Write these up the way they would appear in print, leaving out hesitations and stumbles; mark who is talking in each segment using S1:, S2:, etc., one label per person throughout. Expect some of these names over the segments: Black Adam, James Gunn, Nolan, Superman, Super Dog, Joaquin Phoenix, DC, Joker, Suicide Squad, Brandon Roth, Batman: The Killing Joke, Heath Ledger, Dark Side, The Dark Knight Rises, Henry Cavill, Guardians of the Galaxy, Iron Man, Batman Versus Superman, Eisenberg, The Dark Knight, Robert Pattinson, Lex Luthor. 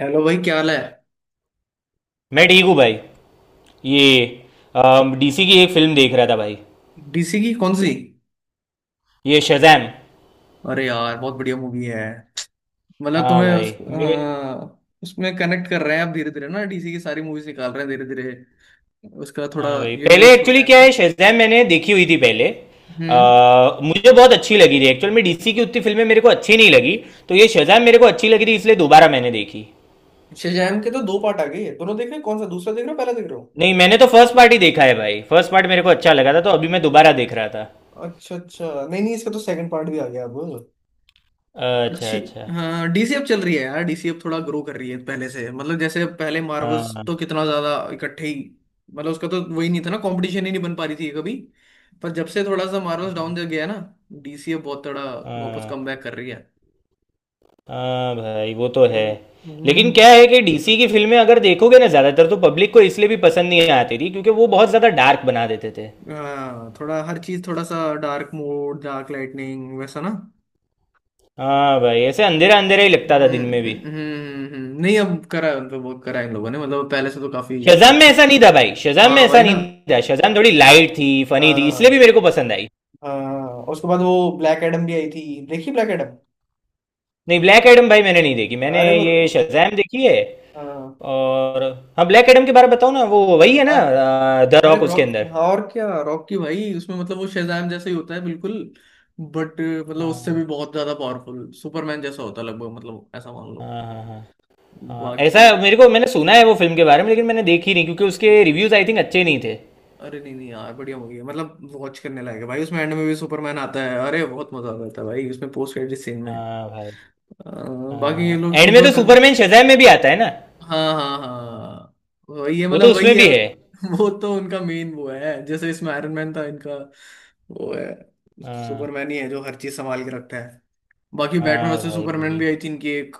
S1: Hello भाई, क्या हाल है।
S2: मैं ठीक हूँ भाई। ये डीसी की एक फिल्म देख रहा था भाई।
S1: डीसी की कौन सी?
S2: ये शज़ैम।
S1: अरे यार, बहुत बढ़िया मूवी है। मतलब
S2: हाँ
S1: तुम्हें
S2: भाई मेरे।
S1: उसमें कनेक्ट कर रहे हैं आप धीरे धीरे ना, डीसी की सारी मूवीज निकाल रहे हैं धीरे धीरे। उसका थोड़ा
S2: हाँ भाई पहले
S1: यूनिवर्स छोटा
S2: एक्चुअली
S1: है।
S2: क्या है, शज़ैम मैंने देखी हुई थी पहले।
S1: हम्म।
S2: मुझे बहुत अच्छी लगी थी, एक्चुअल में डीसी की उतनी फिल्में मेरे को अच्छी नहीं लगी। तो ये शज़ैम मेरे को अच्छी लगी थी इसलिए दोबारा मैंने देखी।
S1: शज़ाम के तो दो पार्ट आ गए, दोनों देख रहे हैं? कौन सा, दूसरा देख रहे हो पहला देख रहे हो?
S2: नहीं मैंने तो फर्स्ट पार्ट ही देखा है भाई, फर्स्ट पार्ट मेरे को अच्छा लगा था तो अभी मैं दोबारा देख रहा था।
S1: अच्छा अच्छा, नहीं नहीं, इसका तो सेकंड पार्ट भी आ गया अब।
S2: अच्छा
S1: अच्छी।
S2: अच्छा।
S1: हाँ, डीसीएफ चल रही है यार, डीसीएफ थोड़ा ग्रो कर रही है पहले से। मतलब जैसे पहले मार्वल्स
S2: हाँ।
S1: तो कितना ज्यादा इकट्ठे ही, मतलब उसका तो वही नहीं था ना, कंपटीशन ही नहीं बन पा रही थी कभी। पर जब से थोड़ा सा मार्वल्स डाउन दे गया ना, डीसीएफ बहुत थोड़ा वापस
S2: हाँ
S1: कमबैक कर रही है।
S2: हाँ भाई वो तो है।
S1: हम्म।
S2: लेकिन
S1: हम्म।
S2: क्या है कि डीसी की फिल्में अगर देखोगे ना ज़्यादातर, तो पब्लिक को इसलिए भी पसंद नहीं आती थी क्योंकि वो बहुत ज़्यादा डार्क बना देते थे।
S1: हाँ, थोड़ा हर चीज थोड़ा सा डार्क मोड, डार्क लाइटनिंग वैसा ना।
S2: हाँ भाई ऐसे अंधेरा अंधेरा ही लगता था दिन में भी।
S1: नहीं, अब करा है उन पे, बहुत करा है इन लोगों ने, मतलब पहले से तो काफी।
S2: शज़ाम में
S1: अच्छा।
S2: ऐसा नहीं था भाई, शज़ाम में
S1: हाँ
S2: ऐसा
S1: वही ना।
S2: नहीं था। शज़ाम थोड़ी लाइट थी, फनी थी, इसलिए भी
S1: हाँ
S2: मेरे को पसंद आई।
S1: हाँ, और उसके बाद वो ब्लैक एडम भी आई थी, देखी ब्लैक एडम?
S2: नहीं ब्लैक एडम भाई मैंने नहीं देखी, मैंने
S1: अरे वो,
S2: ये शज़ाम देखी है।
S1: हाँ।
S2: और हाँ ब्लैक एडम के बारे में बताओ ना, वो वही है ना
S1: अरे,
S2: द
S1: अरे
S2: रॉक उसके
S1: रॉक,
S2: अंदर।
S1: हाँ। और क्या, रॉक की भाई उसमें, मतलब वो शेज़ाम जैसा ही होता है बिल्कुल, बट मतलब उससे
S2: हाँ
S1: भी बहुत ज्यादा पावरफुल, सुपरमैन जैसा होता है लगभग, मतलब ऐसा मान लो।
S2: हाँ हाँ हाँ। हाँ, ऐसा
S1: बाकी तो,
S2: मेरे को, मैंने सुना है वो फिल्म के बारे में लेकिन मैंने देखी नहीं क्योंकि
S1: हम्म।
S2: उसके रिव्यूज आई थिंक अच्छे नहीं थे।
S1: अरे नहीं नहीं यार, बढ़िया मूवी है, मतलब वॉच करने लायक है भाई। उसमें एंड में भी सुपरमैन आता है, अरे बहुत मजा आता है भाई उसमें पोस्ट क्रेडिट सीन में।
S2: हाँ भाई।
S1: अ, बाकी ये
S2: हाँ
S1: लोग
S2: एंड में तो
S1: सुपरमैन,
S2: सुपरमैन शज़ाम में भी आता है ना।
S1: हाँ हाँ हाँ, वही है
S2: वो तो
S1: मतलब
S2: उसमें
S1: वही है
S2: भी है।
S1: वो तो उनका मेन वो है, जैसे इसमें आयरन मैन था इनका। वो है
S2: हाँ।
S1: सुपरमैन ही है, जो हर चीज संभाल के रखता है। बाकी बैटमैन
S2: हाँ
S1: वर्सेस
S2: भाई वो
S1: सुपरमैन
S2: भी।
S1: भी आई थी इनकी एक,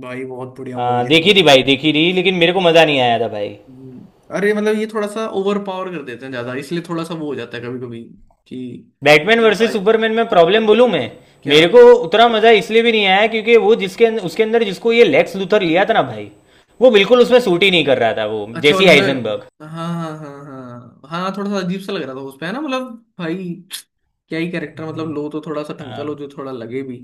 S1: भाई बहुत बढ़िया मूवी
S2: हाँ
S1: थी वो
S2: देखी थी
S1: भी।
S2: भाई, देखी थी, लेकिन मेरे को मज़ा नहीं आया था भाई।
S1: हम्म। अरे मतलब ये थोड़ा सा ओवर पावर कर देते हैं ज्यादा, इसलिए थोड़ा सा वो हो जाता है कभी कभी कि,
S2: बैटमैन
S1: मतलब
S2: वर्सेस
S1: भाई,
S2: सुपरमैन में प्रॉब्लम बोलूँ मैं।
S1: क्या,
S2: मेरे को उतना मज़ा इसलिए भी नहीं आया क्योंकि वो जिसके अंदर, उसके अंदर जिसको ये लेक्स लूथर लिया था ना भाई, वो बिल्कुल उसमें सूट ही नहीं कर रहा था वो,
S1: अच्छा वो
S2: जैसी
S1: लंबे,
S2: आइजनबर्ग।
S1: हाँ हाँ हाँ हाँ हाँ, थोड़ा सा अजीब सा लग रहा था उस पे, है ना मतलब। भाई क्या ही कैरेक्टर, मतलब
S2: हम्म,
S1: लो तो थोड़ा सा टंकल हो
S2: हाँ।
S1: जो थोड़ा लगे भी।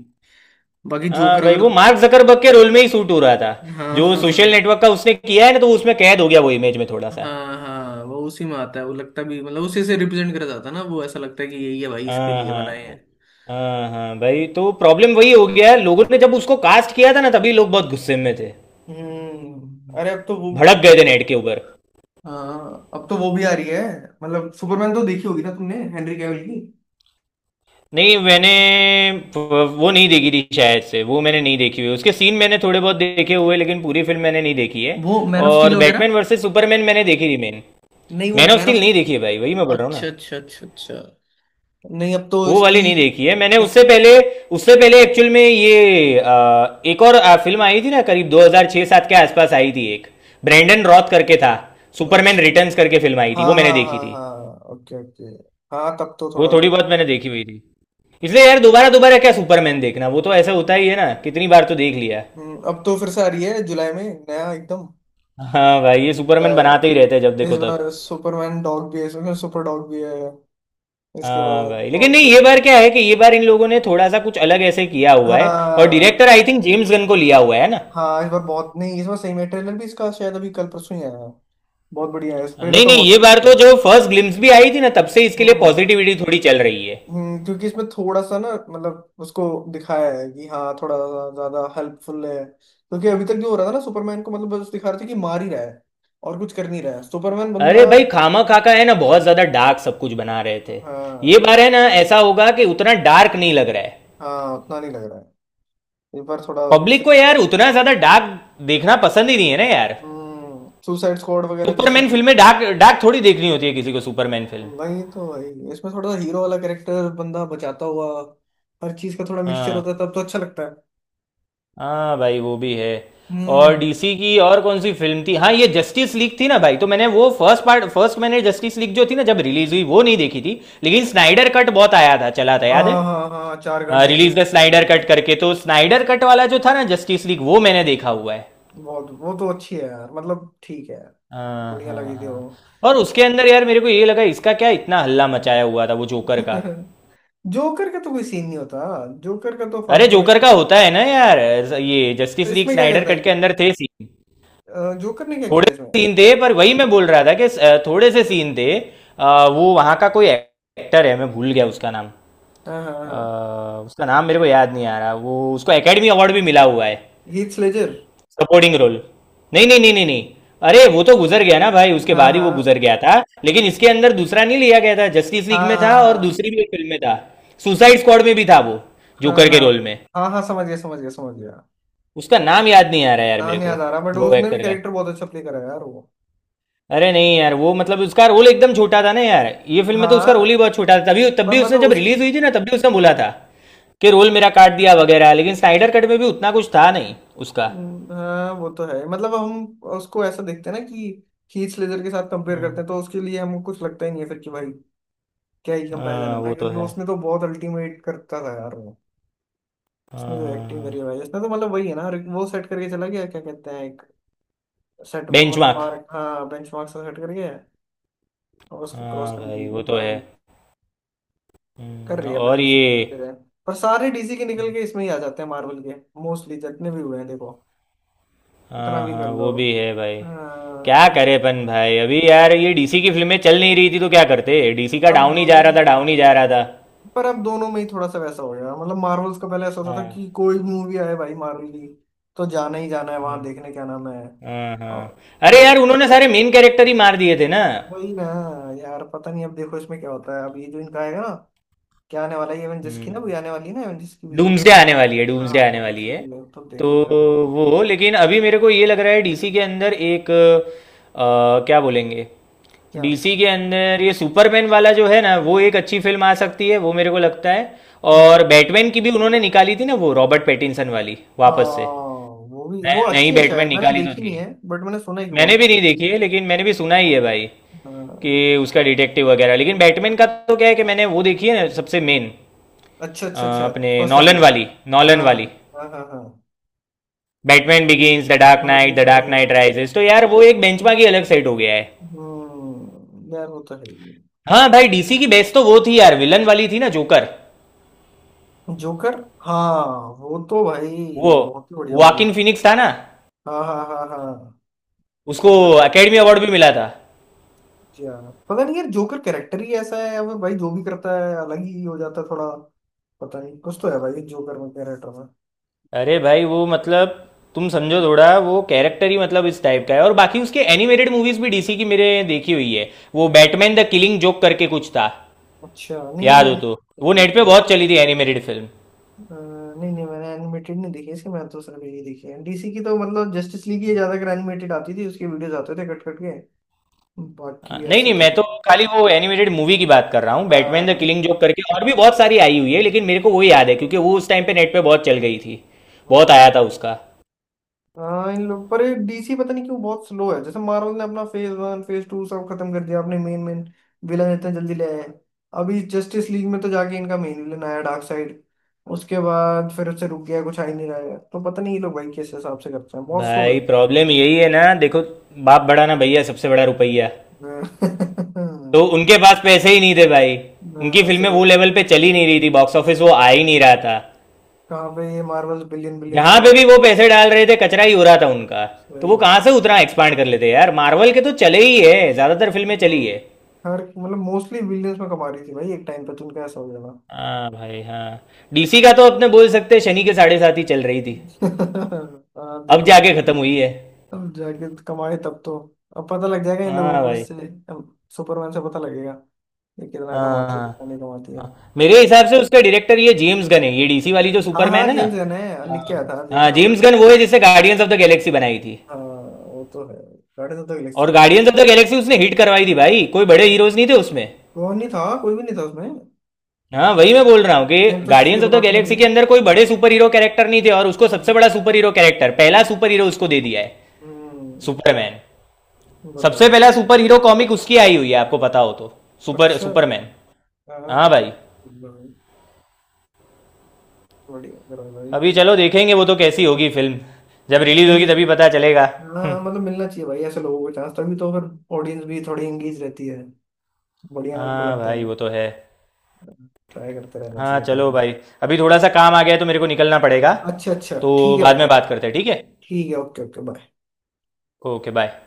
S1: बाकी
S2: हाँ
S1: जोकर
S2: भाई
S1: अगर,
S2: वो मार्क जकरबर्ग के रोल में ही सूट हो रहा था।
S1: हाँ
S2: जो
S1: हाँ
S2: सोशल नेटवर्क का उसने किया है ना तो वो उसमें कैद हो गया वो इमेज में थोड़ा
S1: हाँ
S2: सा।
S1: हाँ, हाँ, वो उसी में आता है, वो लगता भी, मतलब उसी से रिप्रेजेंट करा जाता है ना, वो ऐसा लगता है कि यही है भाई इसके
S2: हाँ
S1: लिए बनाए
S2: हाँ।
S1: हैं।
S2: हाँ हाँ भाई तो प्रॉब्लम वही हो गया है, लोगों ने जब उसको कास्ट किया था ना तभी लोग बहुत गुस्से में थे,
S1: हम्म, अरे अब तो वो,
S2: भड़क
S1: वो-
S2: गए थे नेट के ऊपर।
S1: हाँ अब तो वो भी आ रही है, मतलब सुपरमैन तो देखी होगी ना तुमने, हेनरी कैविल की
S2: नहीं मैंने वो नहीं देखी थी शायद से, वो मैंने नहीं देखी हुई। उसके सीन मैंने थोड़े बहुत देखे हुए लेकिन पूरी फिल्म मैंने नहीं देखी है।
S1: वो मैन ऑफ स्टील
S2: और
S1: वगैरह,
S2: बैटमैन वर्सेस सुपरमैन मैंने देखी थी। मैन,
S1: नहीं वो
S2: man of
S1: man
S2: steel
S1: of,
S2: नहीं देखी है भाई, वही मैं बोल रहा हूँ ना।
S1: अच्छा अच्छा अच्छा अच्छा। नहीं अब तो
S2: वो
S1: इसकी,
S2: वाली नहीं देखी है मैंने,
S1: इस,
S2: उससे पहले। उससे पहले एक्चुअल में ये एक और फिल्म आई थी ना, करीब 2006-7 के आसपास आई थी एक। ब्रैंडन रॉथ करके था। सुपरमैन
S1: अच्छा,
S2: रिटर्न्स करके फिल्म आई थी,
S1: हाँ
S2: वो मैंने
S1: हाँ
S2: देखी
S1: हाँ
S2: थी।
S1: हाँ, ओके ओके। हाँ तब तो
S2: वो
S1: थोड़ा
S2: थोड़ी
S1: सा,
S2: बहुत मैंने देखी हुई थी। इसलिए यार दोबारा दोबारा क्या सुपरमैन देखना, वो तो ऐसा होता ही है ना, कितनी बार तो देख लिया।
S1: अब तो फिर से आ रही है जुलाई में, नया एकदम।
S2: हाँ भाई ये सुपरमैन बनाते ही
S1: जुलाई,
S2: रहते हैं जब
S1: इस
S2: देखो तब।
S1: बार सुपरमैन डॉग भी है, इसमें सुपर डॉग भी है, इसके
S2: हाँ
S1: बाद
S2: भाई, लेकिन
S1: बहुत
S2: नहीं ये
S1: कुछ है।
S2: बार क्या है कि ये बार इन लोगों ने थोड़ा सा कुछ अलग ऐसे किया हुआ है और
S1: हाँ,
S2: director I think James Gunn को लिया हुआ है ना।
S1: हाँ इस बार बहुत, नहीं इस बार सही में ट्रेलर भी इसका शायद अभी कल परसों ही आया है, बहुत बढ़िया है ट्रेलर,
S2: नहीं
S1: तो
S2: नहीं
S1: बहुत
S2: ये
S1: बढ़िया
S2: बार
S1: लग रहा
S2: तो
S1: है।
S2: जो फर्स्ट ग्लिम्स भी आई थी ना, तब से इसके लिए
S1: हम्म।
S2: पॉजिटिविटी थोड़ी चल रही है।
S1: क्योंकि इसमें थोड़ा सा ना मतलब उसको दिखाया है कि हाँ थोड़ा सा ज्यादा हेल्पफुल है, क्योंकि अभी तक जो हो रहा था ना, सुपरमैन को मतलब बस दिखा रहे थे कि मार ही रहा है और कुछ कर नहीं रहा है सुपरमैन बंदा।
S2: अरे भाई खामा खाका है ना, बहुत ज्यादा डार्क सब कुछ बना रहे थे। ये
S1: हाँ,
S2: बार है ना ऐसा होगा कि उतना डार्क नहीं लग रहा है।
S1: हाँ उतना नहीं लग रहा है, इस बार थोड़ा,
S2: पब्लिक को
S1: सही
S2: यार
S1: है।
S2: उतना ज्यादा डार्क देखना पसंद ही नहीं है ना यार।
S1: हम्म, सुसाइड स्क्वाड वगैरह जैसी
S2: सुपरमैन
S1: चीज,
S2: फिल्में डार्क डार्क थोड़ी देखनी होती है किसी को, सुपरमैन फिल्म।
S1: वही तो भाई, इसमें थोड़ा सा हीरो वाला कैरेक्टर, बंदा बचाता हुआ, हर चीज का थोड़ा मिक्सचर
S2: हाँ।
S1: होता है तब तो अच्छा लगता है।
S2: हाँ भाई वो भी है। और
S1: हम्म।
S2: डीसी की और कौन सी फिल्म थी, हाँ ये जस्टिस लीग थी ना भाई। तो मैंने वो फर्स्ट पार्ट, फर्स्ट मैंने जस्टिस लीग जो थी ना जब रिलीज हुई वो नहीं देखी थी, लेकिन स्नाइडर कट बहुत आया था, चला था याद है,
S1: हाँ हाँ हाँ, चार घंटे की
S2: release the Snyder
S1: movie.
S2: Cut करके, तो स्नाइडर कट वाला जो था ना जस्टिस लीग वो मैंने देखा हुआ है।
S1: वो तो अच्छी है यार, मतलब ठीक है यार,
S2: हाँ
S1: बढ़िया
S2: हाँ
S1: लगी थी
S2: हाँ।
S1: वो।
S2: और उसके अंदर यार मेरे को ये लगा इसका क्या इतना हल्ला मचाया हुआ था वो जोकर का।
S1: जोकर का तो कोई सीन नहीं होता, जोकर का तो
S2: अरे
S1: फालतू में
S2: जोकर का
S1: इतना,
S2: होता है ना यार, ये
S1: तो
S2: जस्टिस लीग
S1: इसमें क्या
S2: स्नाइडर
S1: करता
S2: कट के अंदर थे सीन।
S1: है, जोकर ने क्या किया
S2: थोड़े
S1: था इसमें?
S2: से सीन थे पर वही मैं बोल रहा था कि थोड़े से सीन थे। वो वहाँ का कोई एक्टर है, मैं भूल गया उसका नाम।
S1: हाँ हाँ
S2: अ,
S1: हाँ,
S2: उसका नाम मेरे को याद नहीं आ रहा, वो उसको एकेडमी अवार्ड भी मिला हुआ है
S1: हीथ लेजर,
S2: सपोर्टिंग रोल। नहीं नहीं नहीं नहीं नहीं, अरे वो तो गुजर गया ना भाई, उसके
S1: हाँ
S2: बाद ही वो गुजर
S1: हाँ
S2: गया था। लेकिन इसके अंदर दूसरा नहीं लिया गया था, जस्टिस लीग
S1: हाँ
S2: में
S1: हाँ,
S2: था और
S1: हाँ
S2: दूसरी भी एक फिल्म में था, सुसाइड स्क्वाड में भी था वो,
S1: हाँ
S2: जोकर के
S1: हाँ
S2: रोल में।
S1: हाँ, हाँ समझ गया समझ गया समझ गया।
S2: उसका नाम
S1: Okay.
S2: याद नहीं आ रहा यार मेरे
S1: नाम
S2: को,
S1: याद आ रहा, बट
S2: वो
S1: उसने भी
S2: एक्टर का।
S1: कैरेक्टर बहुत अच्छा प्ले करा है यार वो।
S2: अरे नहीं यार वो मतलब उसका रोल एकदम छोटा था ना यार, ये फिल्म में तो उसका रोल ही
S1: हाँ,
S2: बहुत छोटा था, तभी तब
S1: पर
S2: भी उसने
S1: मतलब
S2: जब
S1: उसकी,
S2: रिलीज हुई थी ना तब भी उसने
S1: हम्म।
S2: बोला था कि रोल मेरा काट दिया वगैरह, लेकिन स्नाइडर कट में भी उतना कुछ था नहीं उसका।
S1: हाँ वो तो है, मतलब हम उसको ऐसा देखते हैं ना कि, हीथ लेजर के साथ कंपेयर करते
S2: हम्म,
S1: हैं तो उसके लिए हमको कुछ लगता ही नहीं है फिर कि भाई क्या ही कंपैरिजन
S2: हाँ
S1: है ना,
S2: वो तो
S1: क्योंकि
S2: है।
S1: उसने तो बहुत अल्टीमेट करता था यार वो। उसने जो एक्टिंग
S2: हाँ
S1: करी है भाई, उसने तो मतलब वही है ना, वो सेट करके चला गया, क्या कहते हैं, एक सेट, मतलब
S2: बेंचमार्क।
S1: मार्क, हाँ बेंच मार्क सेट कर गया, और उसको क्रॉस
S2: हाँ
S1: कर
S2: भाई वो
S1: नहीं पा
S2: तो
S1: रहा
S2: है।
S1: वो, कर रही है पर
S2: और
S1: डीसी।
S2: ये।
S1: पर सारे डीसी के निकल के इसमें ही आ जाते हैं मार्वल के, मोस्टली जितने भी हुए हैं देखो, इतना
S2: हाँ
S1: भी कर
S2: हाँ
S1: लो।
S2: वो भी है भाई।
S1: हाँ
S2: क्या
S1: क्यों।
S2: करेपन भाई अभी यार, ये डीसी की फिल्में चल नहीं रही थी तो क्या करते, डीसी का
S1: अब
S2: डाउन ही जा
S1: दोनों,
S2: रहा था, डाउन ही जा रहा था।
S1: पर अब दोनों में ही थोड़ा सा वैसा हो गया। मतलब मार्वल्स का पहले ऐसा होता था
S2: हाँ।
S1: कि कोई भी मूवी आए भाई मार्वल की, तो जाना ही जाना है वहां
S2: हम्म।
S1: देखने, क्या नाम है,
S2: हाँ हाँ। अरे
S1: थिएटर।
S2: यार उन्होंने सारे मेन कैरेक्टर ही मार दिए थे ना।
S1: वही ना। यार पता नहीं अब देखो इसमें क्या होता है, अब ये जो इनका आएगा ना, क्या आने वाला है एवेंजर्स की, ना
S2: हम्म।
S1: भी आने वाली है ना एवेंजर्स की भी।
S2: डूम्सडे आने वाली है, डूम्सडे
S1: हाँ,
S2: आने
S1: दोनों
S2: वाली है।
S1: trailer है, तो
S2: तो
S1: देखो क्या कर,
S2: वो, लेकिन अभी मेरे को ये लग रहा है डीसी के अंदर एक क्या बोलेंगे,
S1: क्या।
S2: डीसी के अंदर ये सुपरमैन वाला जो है ना वो एक अच्छी फिल्म आ सकती है, वो मेरे को लगता है।
S1: हम्म।
S2: और बैटमैन की भी उन्होंने निकाली थी ना, वो रॉबर्ट पैटिंसन वाली
S1: हाँ
S2: वापस से।
S1: वो भी, वो
S2: नई
S1: अच्छी है
S2: बैटमैन
S1: शायद, मैंने
S2: निकाली तो
S1: देखी
S2: थी।
S1: नहीं है बट मैंने सुना है कि बहुत
S2: मैंने भी
S1: अच्छी है।
S2: नहीं देखी है लेकिन मैंने भी सुना ही है भाई
S1: हाँ।
S2: कि उसका डिटेक्टिव वगैरह। लेकिन बैटमैन का
S1: हाँ।
S2: तो क्या है कि मैंने वो देखी है ना, सबसे मेन
S1: अच्छा अच्छा अच्छा,
S2: अपने
S1: फर्स्ट वाली,
S2: नॉलन वाली, नॉलन
S1: हाँ,
S2: वाली,
S1: हाँ हाँ हाँ
S2: बैटमैन बिगिंस, द डार्क
S1: समझ
S2: नाइट,
S1: गया
S2: द
S1: समझ
S2: डार्क
S1: गया
S2: नाइट
S1: समझ।
S2: राइजेस। तो यार वो एक बेंचमार्क ही अलग सेट हो गया है।
S1: यार वो तो है ही।
S2: हाँ भाई डीसी की बेस्ट तो वो थी यार, विलन वाली थी ना जोकर।
S1: जोकर, हाँ, वो तो भाई
S2: वो
S1: बहुत ही बढ़िया मूवी
S2: वाकिन
S1: थी।
S2: फिनिक्स था ना,
S1: हाँ हाँ हाँ हाँ,
S2: उसको
S1: समझा,
S2: एकेडमी अवार्ड भी मिला था।
S1: समझा। पता नहीं यार, जोकर कैरेक्टर ही ऐसा है वो भाई, जो भी करता है अलग ही हो जाता है थोड़ा, पता नहीं कुछ तो है भाई जोकर में, कैरेक्टर में।
S2: अरे भाई वो मतलब तुम समझो
S1: हम्म,
S2: थोड़ा वो कैरेक्टर ही मतलब इस टाइप का है। और बाकी उसके एनिमेटेड मूवीज भी डीसी की मेरे देखी हुई है। वो बैटमैन द किलिंग जोक करके कुछ था
S1: अच्छा नहीं मैंने
S2: याद हो तो,
S1: animated
S2: वो
S1: नहीं
S2: नेट
S1: देखी
S2: पे
S1: है।
S2: बहुत चली थी एनिमेटेड फिल्म।
S1: नहीं नहीं मैंने एनिमेटेड नहीं देखी इसकी, मैं तो सिर्फ यही देखी है डीसी की, तो मतलब जस्टिस लीग ही ज्यादातर एनिमेटेड आती थी, उसके वीडियोस आते थे कट कट के,
S2: हाँ,
S1: बाकी
S2: नहीं
S1: ऐसे
S2: नहीं
S1: तो
S2: मैं
S1: नहीं।
S2: तो खाली वो एनिमेटेड मूवी की बात कर रहा हूँ,
S1: हाँ हाँ,
S2: बैटमैन द
S1: हाँ,
S2: किलिंग जोक करके, और भी बहुत सारी आई हुई है लेकिन मेरे को वो याद है क्योंकि वो उस टाइम पे नेट पे बहुत चल गई थी, बहुत
S1: हम्म।
S2: आया था उसका।
S1: हाँ इन लोग, पर डीसी पता नहीं क्यों बहुत स्लो है, जैसे मार्वल ने अपना फेज वन फेज टू सब खत्म कर दिया, अपने मेन मेन विलन इतने जल्दी ले आए हैं। अभी जस्टिस लीग में तो जाके इनका मेन विलन आया डार्क साइड, उसके बाद फिर उससे रुक गया, कुछ आ ही नहीं रहा है, तो पता नहीं ये लोग भाई किस हिसाब से करते हैं, बहुत स्लो
S2: भाई
S1: करते
S2: प्रॉब्लम यही है ना देखो, बाप बड़ा ना भैया, सबसे बड़ा रुपया।
S1: हैं।
S2: तो उनके पास पैसे ही नहीं थे भाई, उनकी
S1: हाँ,
S2: फिल्में
S1: सही
S2: वो
S1: बात।
S2: लेवल पे चली नहीं रही थी, बॉक्स ऑफिस वो आ ही नहीं रहा था।
S1: कहाँ पे ये मार्वल बिलियन बिलियंस
S2: जहां
S1: कमा
S2: पे
S1: रही,
S2: भी वो पैसे डाल रहे थे कचरा ही हो रहा था उनका। तो
S1: सही
S2: वो कहाँ
S1: बात।
S2: से उतना एक्सपांड कर लेते यार, मार्वल के तो चले ही है, ज्यादातर फिल्में
S1: हम्म,
S2: चली है।
S1: हर मतलब मोस्टली बिलियंस में कमा रही थी भाई, एक टाइम पे तो उनका ऐसा हो जाएगा।
S2: हाँ भाई हाँ। डीसी का तो अपने बोल सकते हैं, शनि के साढ़े साथ ही चल रही थी,
S1: हाँ,
S2: अब
S1: देखो,
S2: जाके खत्म हुई है।
S1: अब जाके कमाए तब तो, अब पता लग जाएगा इन लोगों
S2: हाँ
S1: को
S2: भाई।
S1: इससे, अब सुपरमैन से पता लगेगा ये कितना
S2: हाँ
S1: कमाती है कितना नहीं
S2: हाँ।
S1: कमाती है।
S2: हाँ। मेरे हिसाब से उसका डायरेक्टर ये जेम्स गन है, ये डीसी वाली जो
S1: हाँ हाँ,
S2: सुपरमैन है ना।
S1: जेम्स गन है,
S2: हाँ।
S1: लिख के आया था देखा
S2: हाँ,
S1: था मैंने।
S2: जेम्स गन वो है जिसने गार्डियंस ऑफ द गैलेक्सी बनाई थी।
S1: हाँ वो तो है, गार्डियंस ऑफ द
S2: और
S1: गैलेक्सी तो।
S2: गार्डियंस ऑफ द गैलेक्सी उसने हिट करवाई थी भाई, कोई बड़े
S1: हम्म,
S2: हीरोज नहीं थे उसमें।
S1: कौन नहीं था, कोई भी नहीं था उसमें।
S2: हाँ वही मैं बोल रहा हूँ कि
S1: टाइम तो
S2: गार्डियंस ऑफ द
S1: शुरुआत में थी।
S2: गैलेक्सी के अंदर कोई बड़े सुपर हीरो कैरेक्टर नहीं थे, और उसको सबसे बड़ा सुपर हीरो कैरेक्टर, पहला सुपर हीरो उसको दे दिया है,
S1: हम्म।
S2: सुपरमैन। सबसे
S1: बताओ।
S2: पहला सुपर हीरो कॉमिक उसकी आई हुई है आपको पता हो तो,
S1: अच्छा,
S2: सुपरमैन।
S1: हाँ
S2: हाँ
S1: हाँ।
S2: भाई।
S1: भाई, बढ़िया करो भाई।
S2: अभी चलो देखेंगे वो तो कैसी होगी फिल्म, जब रिलीज
S1: सही।
S2: होगी तभी पता चलेगा। हम्म,
S1: हाँ मतलब मिलना चाहिए भाई ऐसे लोगों को चांस, तभी तो फिर ऑडियंस भी थोड़ी एंगेज रहती है, बढ़िया उनको
S2: हाँ
S1: लगता
S2: भाई
S1: है,
S2: वो तो है।
S1: ट्राई करते रहना
S2: हाँ
S1: चाहिए अपने
S2: चलो
S1: को।
S2: भाई, अभी थोड़ा सा काम आ गया है तो मेरे को निकलना पड़ेगा।
S1: अच्छा अच्छा
S2: तो
S1: ठीक है
S2: बाद
S1: बेटा।
S2: में बात करते हैं ठीक है।
S1: ठीक है, okay okay, bye.
S2: Okay bye.